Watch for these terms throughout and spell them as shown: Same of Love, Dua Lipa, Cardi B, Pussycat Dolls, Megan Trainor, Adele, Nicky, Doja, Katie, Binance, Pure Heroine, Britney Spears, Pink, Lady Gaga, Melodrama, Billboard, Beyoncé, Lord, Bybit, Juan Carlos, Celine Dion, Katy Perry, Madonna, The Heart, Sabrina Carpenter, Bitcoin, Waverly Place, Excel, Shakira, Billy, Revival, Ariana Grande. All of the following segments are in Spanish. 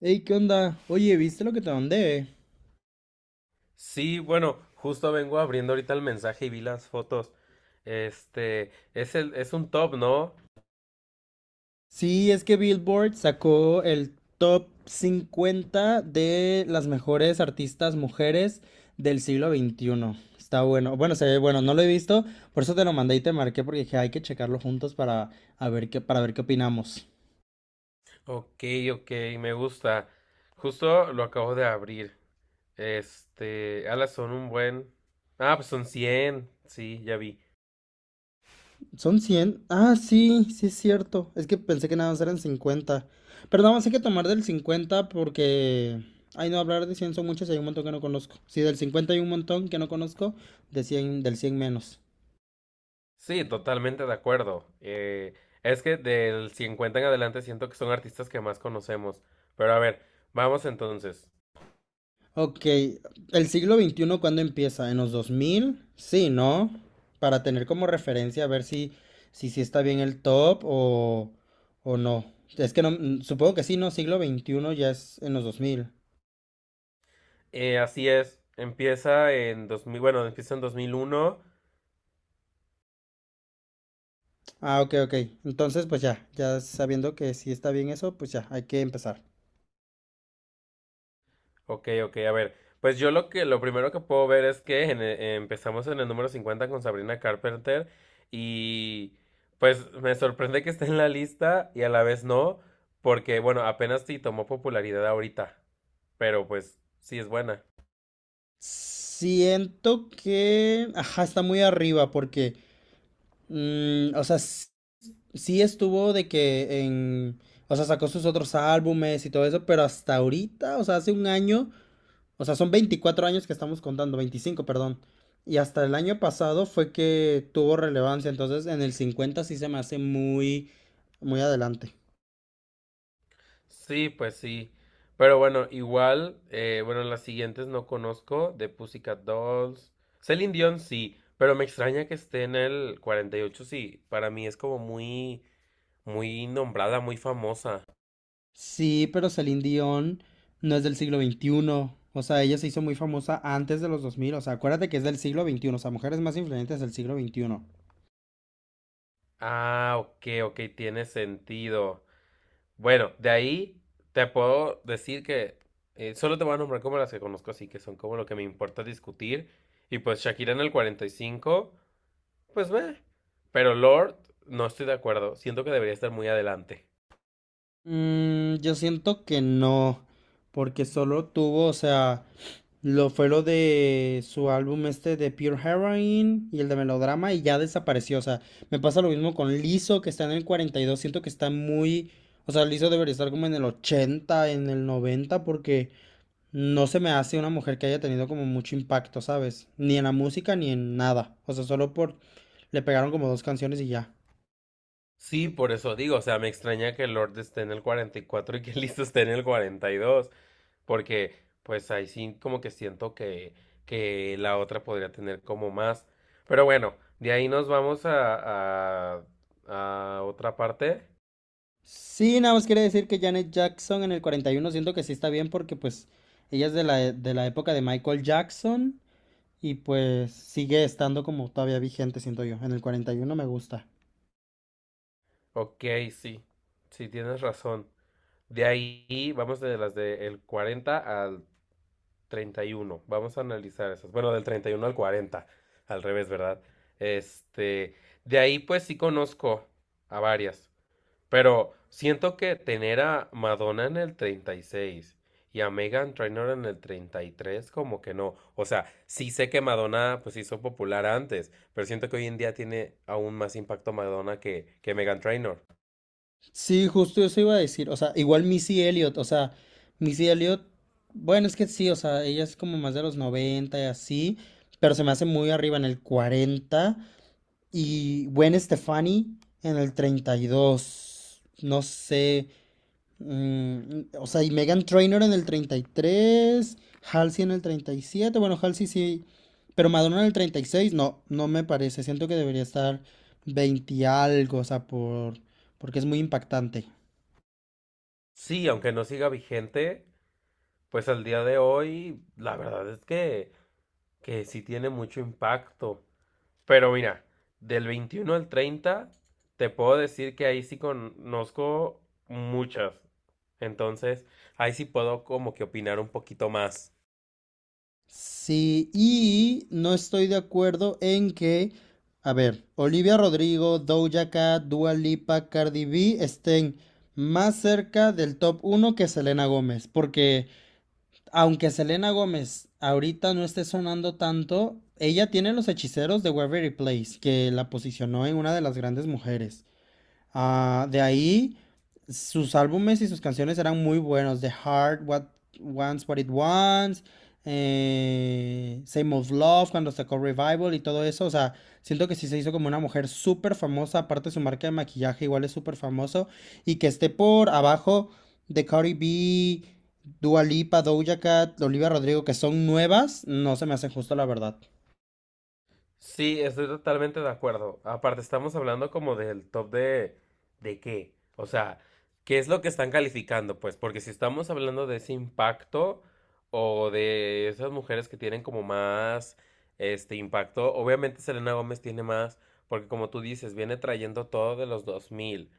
Hey, ¿qué onda? Oye, ¿viste lo que te mandé? Sí, bueno, justo vengo abriendo ahorita el mensaje y vi las fotos. Este, es un top, ¿no? Sí, es que Billboard sacó el top 50 de las mejores artistas mujeres del siglo XXI. Está bueno. Bueno, se ve bueno, no lo he visto, por eso te lo mandé y te marqué porque dije, hay que checarlo juntos para ver qué opinamos. Ok, ok, me gusta. Justo lo acabo de abrir. Este, alas son un buen. Ah, pues son cien. Sí, ya vi. ¿Son 100? Ah, sí, sí es cierto. Es que pensé que nada más eran 50. Pero nada más hay que tomar del 50 porque. Ay, no, hablar de 100 son muchos y hay un montón que no conozco. Sí, del 50 hay un montón que no conozco, de cien del 100 menos. Sí, totalmente de acuerdo. Es que del 50 en adelante siento que son artistas que más conocemos. Pero a ver, vamos entonces. Ok, ¿el siglo XXI cuándo empieza? ¿En los 2000? Sí, ¿no? Para tener como referencia a ver si está bien el top o no. Es que no, supongo que sí, ¿no? Siglo XXI ya es en los 2000. Así es. Empieza en 2000, bueno, empieza en 2001. Ah, ok, ok. Entonces, pues ya, ya sabiendo que sí está bien eso, pues ya, hay que empezar. Ok, ok, a ver. Pues yo lo primero que puedo ver es que empezamos en el número 50 con Sabrina Carpenter y pues me sorprende que esté en la lista y a la vez no, porque bueno, apenas sí tomó popularidad ahorita, pero pues sí es buena. Siento que, ajá, está muy arriba porque, o sea, sí estuvo de que en, o sea, sacó sus otros álbumes y todo eso, pero hasta ahorita, o sea, hace un año, o sea, son 24 años que estamos contando, 25, perdón. Y hasta el año pasado fue que tuvo relevancia, entonces en el 50 sí se me hace muy, muy adelante. Sí, pues sí. Pero bueno, igual, bueno, las siguientes no conozco, de Pussycat Dolls. Celine Dion sí, pero me extraña que esté en el 48, sí, para mí es como muy muy nombrada, muy famosa. Sí, pero Celine Dion no es del siglo XXI. O sea, ella se hizo muy famosa antes de los 2000. O sea, acuérdate que es del siglo XXI. O sea, mujeres más influyentes del siglo XXI. Ah, ok, ok, tiene sentido. Bueno, de ahí te puedo decir que solo te voy a nombrar como las que conozco, así que son como lo que me importa discutir. Y pues Shakira en el 45, pues ve. Pero Lord, no estoy de acuerdo. Siento que debería estar muy adelante. Mm, yo siento que no. Porque solo tuvo, o sea, lo fue lo de su álbum este de Pure Heroine y el de Melodrama y ya desapareció. O sea, me pasa lo mismo con Lizzo, que está en el 42. Siento que está muy. O sea, Lizzo debería estar como en el 80, en el 90, porque. No se me hace una mujer que haya tenido como mucho impacto, ¿sabes? Ni en la música ni en nada. O sea, solo por. Le pegaron como dos canciones y ya. Sí, por eso digo, o sea, me extraña que Lord esté en el 44 y que listo esté en el 42, porque pues ahí sí como que siento que la otra podría tener como más. Pero bueno, de ahí nos vamos a otra parte. Sí, nada más quería decir que Janet Jackson en el 41 siento que sí está bien, porque pues ella es de la época de Michael Jackson y pues sigue estando como todavía vigente, siento yo. En el 41 me gusta. Ok, sí, sí tienes razón. De ahí vamos de las del 40 al 31. Vamos a analizar esas. Bueno, del 31 al 40. Al revés, ¿verdad? Este, de ahí pues sí conozco a varias. Pero siento que tener a Madonna en el 36 y a Megan Trainor en el 33 como que no. O sea, sí sé que Madonna pues hizo popular antes, pero siento que hoy en día tiene aún más impacto Madonna que Megan Trainor. Sí, justo eso iba a decir. O sea, igual Missy Elliott, o sea, Missy Elliott, bueno, es que sí, o sea, ella es como más de los 90 y así, pero se me hace muy arriba en el 40. Y Gwen Stefani en el 32, no sé. mm, o sea, y Megan Trainor en el 33, Halsey en el 37. Bueno, Halsey sí, pero Madonna en el 36, no, no me parece. Siento que debería estar 20 y algo, o sea, porque es muy impactante. Sí, aunque no siga vigente, pues al día de hoy, la verdad es que sí tiene mucho impacto. Pero mira, del 21 al 30 te puedo decir que ahí sí conozco muchas. Entonces, ahí sí puedo como que opinar un poquito más. Sí, y no estoy de acuerdo en que, a ver, Olivia Rodrigo, Doja Cat, Dua Lipa, Cardi B estén más cerca del top uno que Selena Gómez, porque aunque Selena Gómez ahorita no esté sonando tanto, ella tiene los hechiceros de Waverly Place, que la posicionó en una de las grandes mujeres. Ah, de ahí, sus álbumes y sus canciones eran muy buenos. The Heart, What Wants What It Wants, Same of Love, cuando sacó Revival y todo eso. O sea, siento que sí se hizo como una mujer súper famosa. Aparte, su marca de maquillaje igual es súper famoso. Y que esté por abajo de Cardi B, Dua Lipa, Doja Cat, Olivia Rodrigo, que son nuevas, no se me hace justo, la verdad. Sí, estoy totalmente de acuerdo. Aparte, estamos hablando como del top de qué. O sea, ¿qué es lo que están calificando? Pues, porque si estamos hablando de ese impacto o de esas mujeres que tienen como más este impacto, obviamente Selena Gómez tiene más, porque como tú dices, viene trayendo todo de los 2000.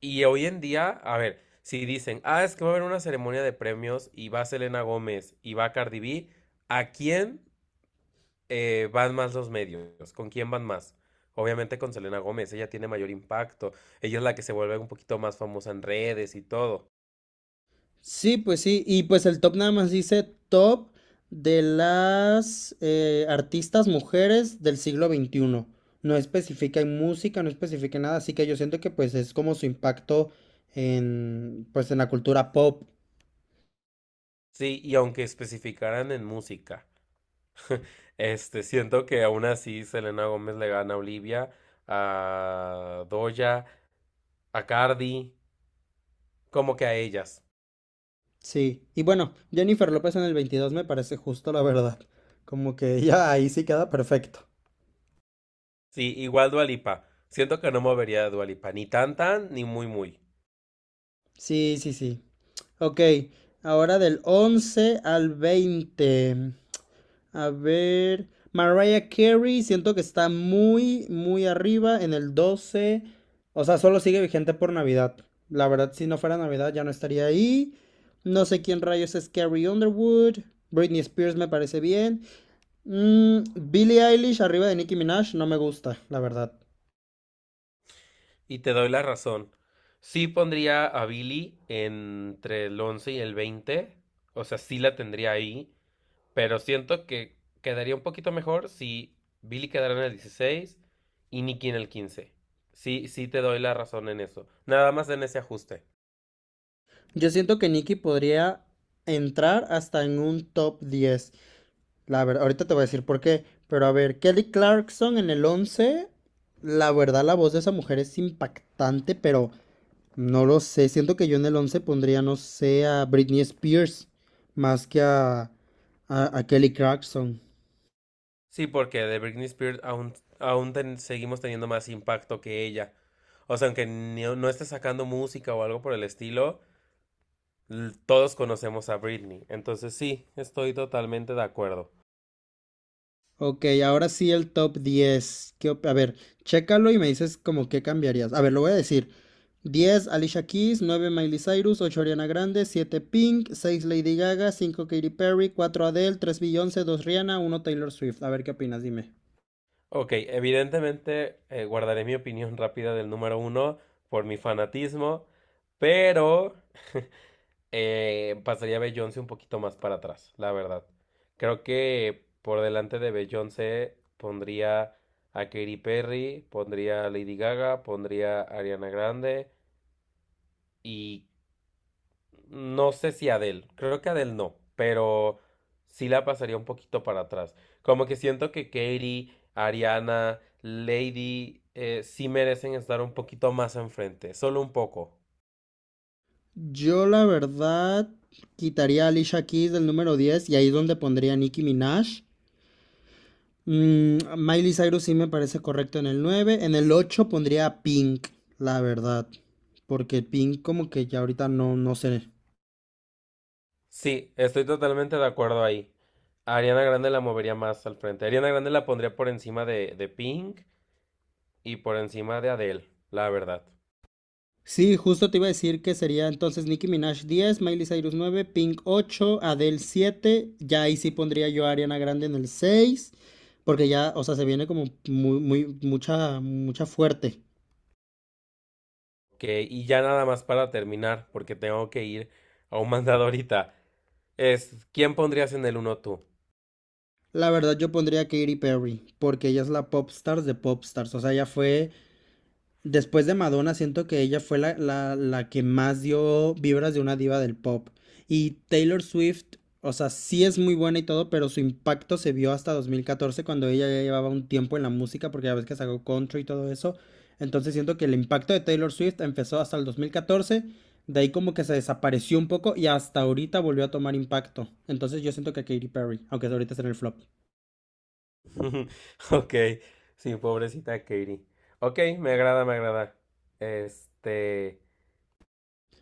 Y hoy en día, a ver, si dicen, ah, es que va a haber una ceremonia de premios y va Selena Gómez y va Cardi B, ¿a quién? Van más los medios. ¿Con quién van más? Obviamente con Selena Gómez, ella tiene mayor impacto, ella es la que se vuelve un poquito más famosa en redes y todo. Sí, pues sí, y pues el top nada más dice top de las artistas mujeres del siglo XXI. No especifica en música, no especifica en nada, así que yo siento que pues es como su impacto en, pues, en la cultura pop. Sí, y aunque especificaran en música, este, siento que aún así Selena Gómez le gana a Olivia, a Doja, a Cardi, como que a ellas. Sí, y bueno, Jennifer López en el 22 me parece justo, la verdad. Como que ya ahí sí queda perfecto. Sí, igual Dua Lipa. Siento que no movería a Dua Lipa, ni tan tan, ni muy muy. Sí, sí, sí. Ok, ahora del 11 al 20. A ver. Mariah Carey, siento que está muy, muy arriba en el 12. O sea, solo sigue vigente por Navidad. La verdad, si no fuera Navidad ya no estaría ahí. No sé quién rayos es Carrie Underwood. Britney Spears me parece bien. Mm, Billie Eilish arriba de Nicki Minaj no me gusta, la verdad. Y te doy la razón. Sí pondría a Billy entre el 11 y el 20. O sea, sí la tendría ahí. Pero siento que quedaría un poquito mejor si Billy quedara en el 16 y Nicky en el 15. Sí, sí te doy la razón en eso. Nada más en ese ajuste. Yo siento que Nicki podría entrar hasta en un top 10. La verdad, ahorita te voy a decir por qué, pero a ver, Kelly Clarkson en el 11, la verdad, la voz de esa mujer es impactante, pero no lo sé, siento que yo en el 11 pondría, no sé, a Britney Spears más que a Kelly Clarkson. Sí, porque de Britney Spears aún seguimos teniendo más impacto que ella. O sea, aunque no esté sacando música o algo por el estilo, todos conocemos a Britney. Entonces sí, estoy totalmente de acuerdo. Ok, ahora sí el top 10. A ver, chécalo y me dices como qué cambiarías. A ver, lo voy a decir. 10, Alicia Keys. 9, Miley Cyrus. 8, Ariana Grande. 7, Pink. 6, Lady Gaga. 5, Katy Perry. 4, Adele. 3, Beyoncé. 2, Rihanna. Uno, Taylor Swift. A ver qué opinas, dime. Ok, evidentemente guardaré mi opinión rápida del número uno por mi fanatismo, pero pasaría a Beyoncé un poquito más para atrás, la verdad. Creo que por delante de Beyoncé pondría a Katy Perry, pondría a Lady Gaga, pondría a Ariana Grande y no sé si Adele, creo que Adele no, pero sí la pasaría un poquito para atrás. Como que siento que Katy, Ariana, Lady sí merecen estar un poquito más enfrente, solo un poco. Yo la verdad quitaría a Alicia Keys del número 10 y ahí es donde pondría a Nicki Minaj. Mm, Miley Cyrus sí me parece correcto en el nueve. En el 8 pondría a Pink, la verdad. Porque Pink como que ya ahorita no, no sé. Sí, estoy totalmente de acuerdo ahí. A Ariana Grande la movería más al frente. Ariana Grande la pondría por encima de Pink y por encima de Adele, la verdad. Sí, justo te iba a decir que sería entonces Nicki Minaj 10, Miley Cyrus 9, Pink 8, Adele siete. Ya ahí sí pondría yo a Ariana Grande en el seis. Porque ya, o sea, se viene como muy, muy, mucha, mucha fuerte. Que, y ya nada más para terminar, porque tengo que ir a un mandado ahorita. Es, ¿quién pondrías en el uno tú? La verdad yo pondría a Katy Perry, porque ella es la pop stars de pop stars. O sea, ella fue. Después de Madonna, siento que ella fue la que más dio vibras de una diva del pop. Y Taylor Swift, o sea, sí es muy buena y todo, pero su impacto se vio hasta 2014, cuando ella ya llevaba un tiempo en la música, porque ya ves que sacó country y todo eso. Entonces siento que el impacto de Taylor Swift empezó hasta el 2014. De ahí como que se desapareció un poco y hasta ahorita volvió a tomar impacto. Entonces yo siento que Katy Perry, aunque ahorita está en el flop. Ok, sí, pobrecita Katie. Ok, me agrada, me agrada. Este,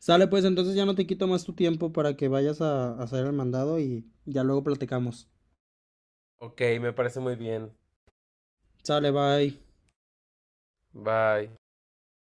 Sale pues, entonces ya no te quito más tu tiempo para que vayas a hacer el mandado y ya luego platicamos. ok, me parece muy bien. Sale, bye. Bye.